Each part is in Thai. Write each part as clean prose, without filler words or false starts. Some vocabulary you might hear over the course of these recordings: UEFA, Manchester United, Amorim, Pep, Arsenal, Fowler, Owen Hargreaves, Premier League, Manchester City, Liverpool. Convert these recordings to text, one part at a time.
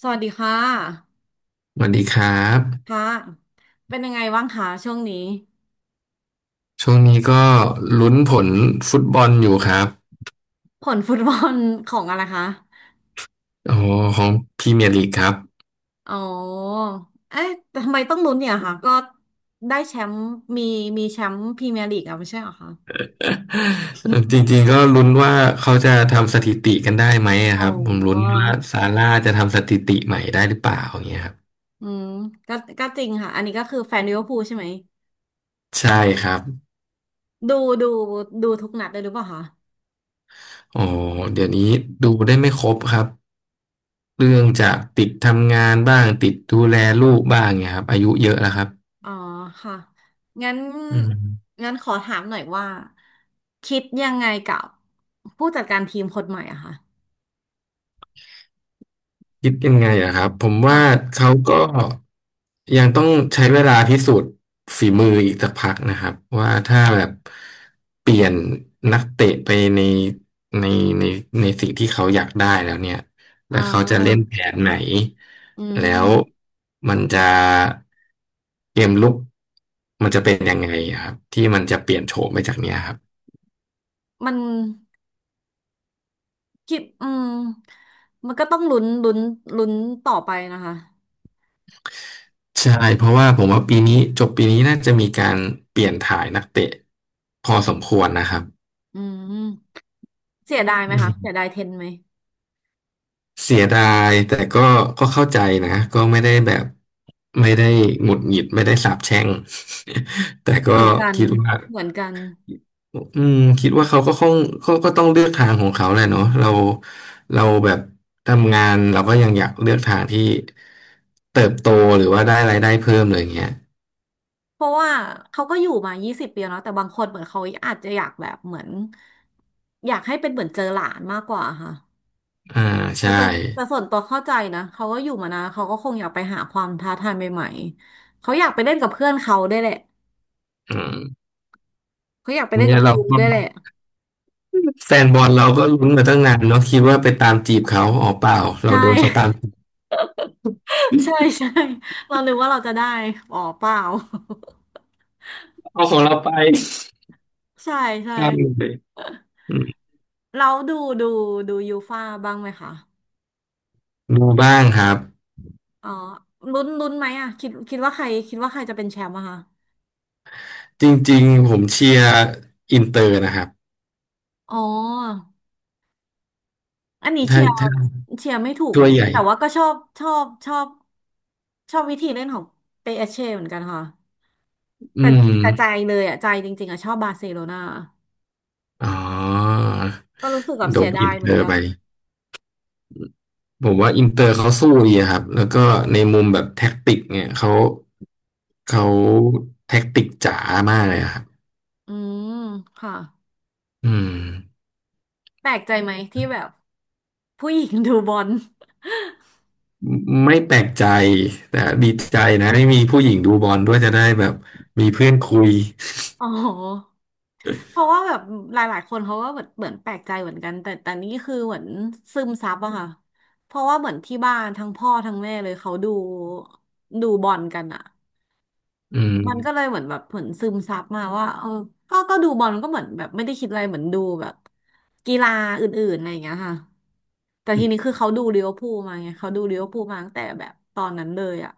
สวัสดีค่ะสวัสดีครับค่ะเป็นยังไงบ้างคะช่วงนี้ช่วงนี้ก็ลุ้นผลฟุตบอลอยู่ครับผลฟุตบอลของอะไรคะอ๋อของพรีเมียร์ลีกครับ อ๋อ เอ๊ะแต่ทำไมต้องลุ้นเนี่ยคะก็ได้แชมป์มีมีแชมป์พรีเมียร์ลีกอะไม่ใช่เหรอคะ จริงๆก็ลุ้นว่าเขาจะทำสถิติกันได้ไหมอะอ๋คอ รับผมลุ้นว่าซาร่าจะทำสถิติใหม่ได้หรือเปล่าอย่างเงี้ยครับอืมก็จริงค่ะ อันนี้ก็คือแฟนลิเวอร์พูลใช่ไหมใช่ครับดูดูดูทุกนัดเลยหรือเปล่าคะอ๋อเดี๋ยวนี้ดูได้ไม่ครบครับเรื่องจากติดทำงานบ้างติดดูแลลูกบ้างเงี้ยครับอายุเยอะแล้วครับอ๋อค่ะ งั้นอืม งั้นขอถามหน่อยว่าคิดยังไงกับผู้จัดการทีมคนใหม่อะคะคิดยังไงอะครับผมว่าค่ะเขาก็ยังต้องใช้เวลาพิสูจน์ฝีมืออีกสักพักนะครับว่าถ้าแบบเปลี่ยนนักเตะไปในในในในสิ่งที่เขาอยากได้แล้วเนี่ยอ๋แล้วเขาจะเล่นอ แผนไหนอืแล้วมมันจะเกมลุกมันจะเป็นยังไงอะครับที่มันจะเปลี่ยนโฉมไปจากเนี้ยครับมันคิดอืมมันก็ต้องลุ้นต่อไปนะคะใช่เพราะว่าผมว่าปีนี้จบปีนี้น่าจะมีการเปลี่ยนถ่ายนักเตะพอสมควรนะครับ อืมเสียดายไหมอืคะเสียมดายเทนไหมเสียดายแต่ก็เข้าใจนะก็ไม่ได้แบบไม่ได้หงุดหงิดไม่ได้สาปแช่ง แต่ก็เหมือนกันคิดว่าเหมือนกันคิดว่าเขาก็คงเขาก็ต้องเลือกทางของเขาแหละเนาะเราแบบทำงานเราก็ยังอยากเลือกทางที่เติบโตหรือว่าได้รายได้เพิ่มเลยอย่างเงี้ยเพราะว่าเขาก็อยู่มา20 ปีแล้วเนอะแต่บางคนเหมือนเขาอาจจะอยากแบบเหมือนอยากให้เป็นเหมือนเจอหลานมากกว่าค่ะอ่าแต่ใช่แต่แต่ส่วนตัวเข้าใจนะเขาก็อยู่มานานเขาก็คงอยากไปหาความท้าทายใหม่ๆเขาอยากไปเล่นกับเพื่อนเขาได้วยแหละอืมเขาอยากไปเล่นเนี่กัยบเราจูก็ได้วยแหละแฟนบอลเราก็ลุ้นมาตั้งนานเนาะคิดว่าไปตามจีบเขาอ๋อเปล่าใชเราโดนเขาตาม่ จีบ ใช่ใช่เรานึกว่าเราจะได้อ๋อเปล่า เอาของเราไป ใช่ใช่ใช่อืมเราดูดูยูฟ่าบ้างไหมคะดูบ้างครับ อ๋อลุ้นไหมอ่ะคิดว่าใครจะเป็นแชมป์อะคะจริงๆผมเชียร์อินเตอร์นะครับ อ๋ออันนี้เชีถ้ายร์ถ้าเชียร์ไม่ถูกเหถ้มือวนยกัใหนญ่แต่ว่าก็ชอบวิธีเล่นของเปเช่เหมือนกันค่ะแต่อืมแต่ใจเลยอ่ะใจจริงๆอ่ะชอบบาร์เซโลนาอ๋อ ก็รู้สึกแบบโดเสีนยดาอิยนเหเตมือนอร์กัไป นผมว่าอินเตอร์เขาสู้ดีอะครับ แล้วก็ในมุมแบบแท็กติกเนี่ยเขาแท็กติกจ๋ามากเลยอะครับอืมค่ะอืมแปลกใจไหมที่แบบผู้หญิงดูบอล ไม่แปลกใจแต่ดีใจนะที่มีผู้หญิงดูบอลด้วยจะได้แบบมีเพื่อนคุยอ๋อเพราะว่าแบบหลายๆคนเขาก็แบบเหมือนแปลกใจเหมือนกันแต่นี่คือเหมือนซึมซับอะค่ะ เพราะว่าเหมือนที่บ้านทั้งพ่อทั้งแม่เลยเขาดูบอลกันอะอืมันก็เลยม เหมือนแบบเหมือนซึมซับมาว่าเออก็ดูบอลก็เหมือนแบบไม่ได้คิดอะไรเหมือนดูแบบกีฬาอื่นๆอะไรอย่างเงี้ยค่ะแต่ทีนี้คือเขาดูลิเวอร์พูลมาไงเขาดูลิเวอร์พูลมาตั้งแต่แบบตอนนั้นเลยอะ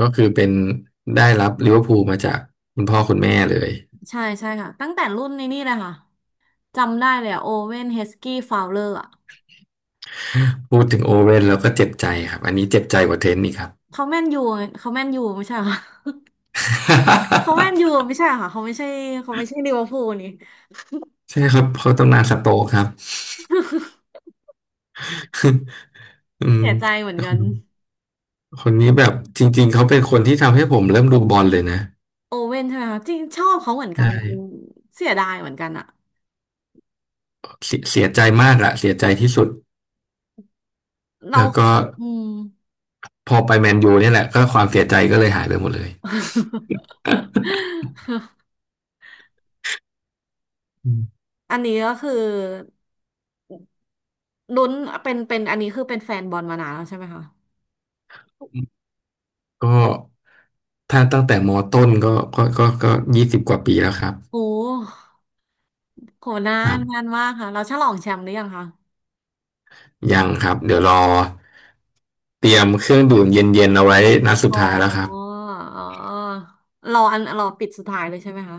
ก็คือเป็นได้รับลิเวอร์พูลมาจากคุณพ่อคุณแม่เลยใช่ใช่ค่ะตั้งแต่รุ่นนี้นี่เลยค่ะจำได้เลยอะโอเวนเฮสกี้ฟาวเลอร์ พูดถึงโอเว่นแล้วก็เจ็บใจครับอันนี้เจ็บใจกว่าเทนนี่ครับ เขาแมนยูเขาแมนยูไม่ใช่เหรอ เขาแมนยู ไม่ใช่เหรอค่ะเขาไม่ใช่เขาไม่ใช่ลิเวอร์พูลนี่ใช่ครับเขาตำนานสโต๊กครับ อืมเสียใจเหมือนคกันนคนนี้แบบจริงๆเขาเป็นคนที่ทำให้ผมเริ่มดูบอลเลยนะโอเว่นใช่ไหมคะจริงชอบเขาเหมือนกัใช่นเสียดายเหมือนกันอะเสียเสียใจมากอะเสียใจที่สุดเราแล้วก็อืม พอไปแมนยูเนี่ยแหละก็ความเสียใจก็เลยหายไปหมดเลย อืมอันนี้ก็คือลุ้นเป็นอันนี้คือเป็นแฟนบอลมานานแล้วใช่ไหมคะก็ถ้าตั้งแต่มอต้นก็20 กว่าปีแล้วครับโอ้โหนาครันนานบ มากค่ะเราฉลองแชมป์หรือยังคะยังครับเดี๋ยวรอเตรียมเครื่องดื่มเย็นๆเอาไว้นัดสุดอ๋อท้ายแล้วครับอ๋อรออันรอปิดสุดท้ายเลยใช่ไหมคะ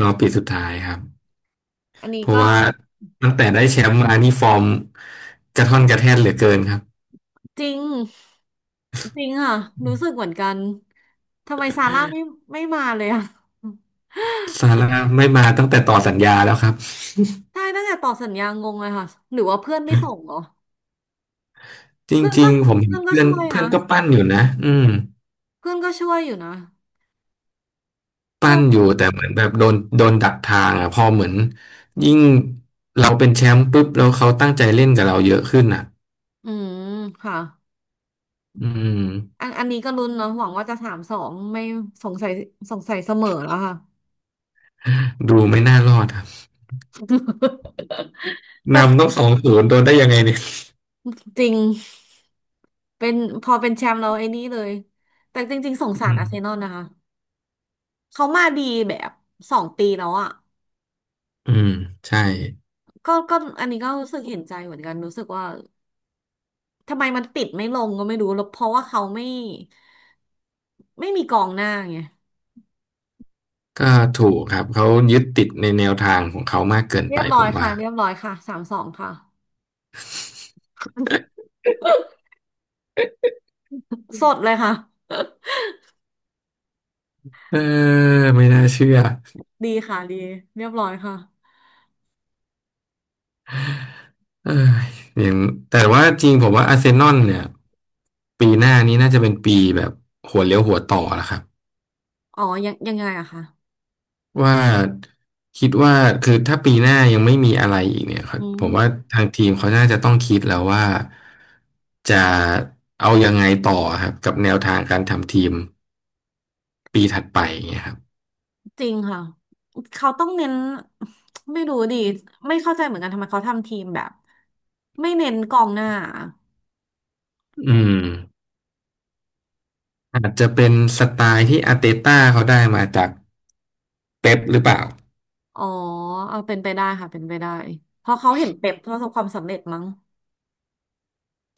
รอบปีสุดท้ายครับอันเพนี้ราะก็ ว่าตั้งแต่ได้แชมป์มานี่ฟอร์มกระท่อนกระแท่นเหลือเกินครับจริงจริงอ่ะรู้สึกเหมือนกันทำไมซาร่าไม่มาเลยอ่ะ ซาร่าไม่มาตั้งแต่ต่อสัญญาแล้วครับ ใช่ตั้งแต่ต่อสัญญางงเลยค่ะหรือว่าเพื่อนไม่ส่งเหรอจเพื่อนริก็งๆผมเห็นเพื่อนก็เพื่อนช่วยเพื่นะอนก็ปั้นอยู่นะอืมเพื่อนก็ช่วยอยู่นะปั้ก็นอยู่แต่เหมือนแบบโดนดักทางอ่ะพอเหมือนยิ่งเราเป็นแชมป์ปุ๊บแล้วเขาตั้งใจเล่นกับเราเยอะขึ้นอ่ะอืมค่ะอืมอันนี้ก็ลุ้นเนาะหวังว่าจะสามสองไม่สงสัยสงสัยเสมอแล้วค่ะ ดูไม่น่ารอดครับ แต่นำต้อง2-0โดนได้ยังไงเนี่ย จริงเป็นพอเป็นแชมป์เราไอ้นี่เลยแต่จริงๆสงสาอืรมอาร์เซนอลนะคะเขามาดีแบบ2 ปีแล้วอ่ะ อืมใช่ก็อันนี้ก็รู้สึกเห็นใจเหมือนกันรู้สึกว่าทำไมมันปิดไม่ลงก็ไม่รู้แล้วเพราะว่าเขาไม่มีกองหน้าไงก็ถูกครับเขายึดติดในแนวทางของเขามากเกินเรีไปยบร้ผอยมค่ะว่าเรียบร้อยค่ะสามสองค่ะสดเลยค่ะ เออไม่น่าเชื่อ ดีค่ะดีเรียบร้อยค่ะเอออย่างแต่ว่าจริงผมว่าอาร์เซนอลเนี่ยปีหน้านี้น่าจะเป็นปีแบบหัวเลี้ยวหัวต่อแล้วครับอ๋อยังไงอะคะว่าคิดว่าคือถ้าปีหน้ายังไม่มีอะไรอีกเนี่ยคอืรับผมมว่าทางทีมเขาน่าจะต้องคิดแล้วว่าจะเอายังไงต่อครับกับแนวทางการทำทีมปีถัดไปอย่างเงี้ยครับจริงค่ะเขาต้องเน้นไม่รู้ดิไม่เข้าใจเหมือนกันทำไมเขาทำทีมแบบไม่เน้นกองหน้าออืม อาจจะเป็นสไตล์ที่อาร์เตต้าเขาได้มาจากเป๊ปหรือเปล่าอ๋อเอาเป็นไปได้ค่ะเป็นไปได้เพราะเขาเห็นเป๊ปประสบความสำเร็จมั้ง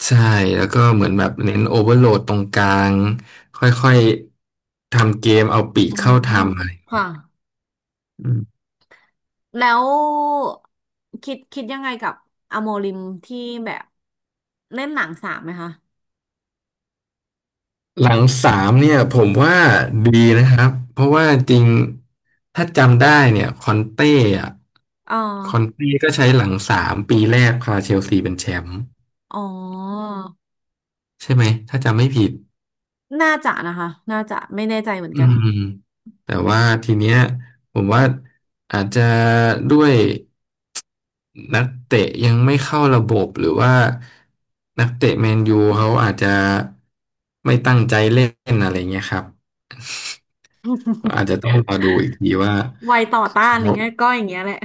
ใช่แล้วก็เหมือนแบบเน้นโอเวอร์โหลดตรงกลางค่อยๆทำเกมเอาปีกอืเข้ามทำอะไรค่ะ อืมแล้วคิดยังไงกับอโมริมที่แบบเล่นหนังสามไหมคะหลังสามเนี่ยผมว่าดีนะครับเพราะว่าจริงถ้าจำได้เนี่ยคอนเต้อะอ๋อคอนเต้ก็ใช้หลังสามปีแรกพาเชลซีเป็นแชมป์อ๋อใช่ไหมถ้าจำไม่ผิดน่าจะนะคะน่าจะไม่แน่ใจเหมือนอืกันมแต่ว่าทีเนี้ยผมว่าอาจจะด้วย นักเตะยังไม่เข้าระบบหรือว่านักเตะแมนยูเขาอาจจะไม่ตั้งใจเล่นอะไรเงี้ยครับอาจจะต้องรอดูอีกทีว่าวัยต่อต้านเขาอย่างเงี้ยก็อย่างเงี้ยแหละ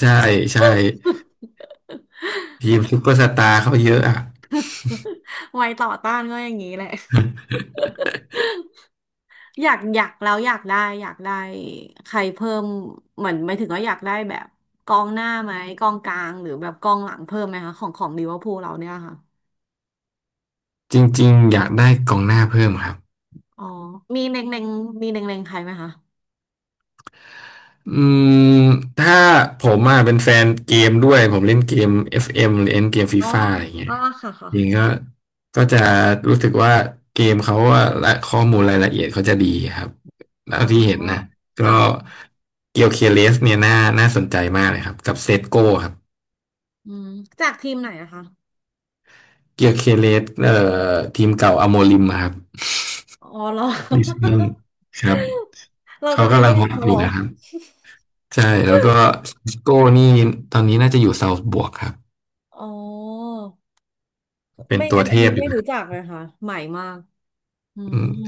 ใช่ใช่ทีมซุปเปอร์สตาร์เขาเยอะอ่ะ วัยต่อต้านก็อย่างงี้แหละอยากแล้วอยากได้ใครเพิ่มเหมือนไม่ถึงว่าอยากได้แบบกองหน้าไหมกองกลางหรือแบบกองหลังเพิ่มไหมคะของลิเวอร์พูลเราเนี่ยค่ะจริงๆอยากได้กองหน้าเพิ่มครับ อ๋อมีเล็งๆมีเล็งๆใครไหมคะอืมถ้าผมอ่ะเป็นแฟนเกมด้วยผมเล่นเกม FM หรือเล่นเกมฟีอ๋อฟ่าอะไรเงี้ยอ่าค่ะค่ะ จริงก็ก็จะรู้สึกว่าเกมเขาอะและข้อมูลรายละเอียดเขาจะดีครับอ๋เท่าที่เห็นนะอก็อ่ะเกียวเคเลสเนี่ยน่าสนใจมากเลยครับกับเซตโก้ครับอืมจากทีมไหนนะคะ เกียวเคเลสทีมเก่าอโมริมอะครับอ๋อเหรอ ลิสบอนครับ เราเขาจะไปกำลังแย่ฮงอตเขาอเหรยู่อ นะครับใช่แล้วก็ซิสโก้นี่ตอนนี้น่าจะอยู่เซาท์บวกครับอ๋อเป็นไม่ตัอัวนเทอันนี้พอไม่ยู่ รู้จักเลยค่ะใหม่มากอือืมม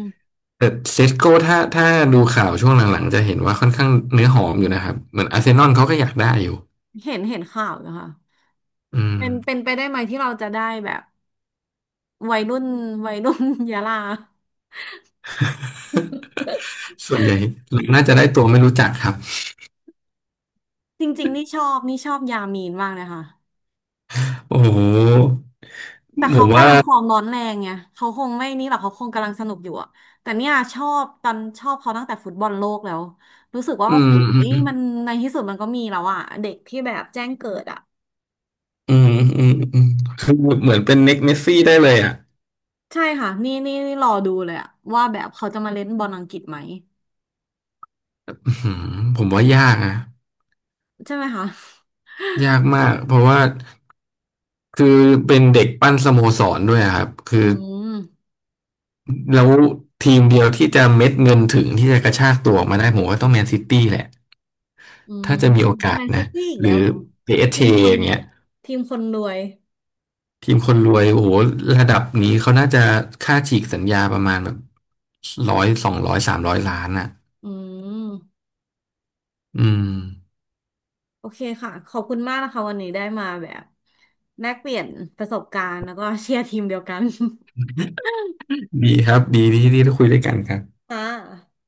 แต่เซสโก้ถ้าดูข่าวช่วงหลังๆจะเห็นว่าค่อนข้างเนื้อหอมอยู่นะครับเหมือนอาร์เซนอลเขาก็อยากได้อยู่เห็นข่าวนะคะอืม เป็นไปได้ไหมที่เราจะได้แบบวัยรุ่นวัยรุ่น ยะลา ส่วนใหญ่น่าจะได้ตัวไม่รู้จักครับจริงๆนี่ชอบยามีนมากเลยค่ะ โอ้โหแต่ผเขามว่ากำลังฟอร์มร้อนแรงไงเขาคงไม่นี่หรอกเขาคงกำลังสนุกอยู่อะแต่เนี่ยชอบตอนชอบเขาตั้งแต่ฟุตบอลโลกแล้วรู้สึกว่าอืโอ้มโหอืมมันในที่สุดมันก็มีแล้วอะเด็กที่แบบแจ้งเกิดอะอืมอืมอืมคือเหมือนเป็นเน็กเมสซี่ได้เลยอ่ะใช่ค่ะนี่รอดูเลยอะว่าแบบเขาจะมาเล่นบอลอังกฤษไหมอื้อหือผมว่ายากนะใช่ไหมคะยากมากเพราะว่าคือเป็นเด็กปั้นสโมสรด้วยอะครับคือือ มแล้วทีมเดียวที่จะเม็ดเงินถึงที่จะกระชากตัวออกมาได้ผมว่าต้องแมนซิตี้แหละอืมถ้าจะมีโอกาแมสนซินะตี้อีกหแล้รืวอ เหรอทีม PSG อสจีคนอย่างเงี้ยทีมคนรวยทีมคนรวยโอ้โหระดับนี้เขาน่าจะค่าฉีกสัญญาประมาณแบบ100 200 300 ล้านอ่ะอืม อืมโอเคค่ะขอบคุณมากนะคะวันนี้ได้มาแบบแลกเปลี่ยนประสบการณ์แล้วก็เชียร์ทีมเดียวกัน ดีครับดีที่ที่ได้คุยด้วยกันครับค่ะ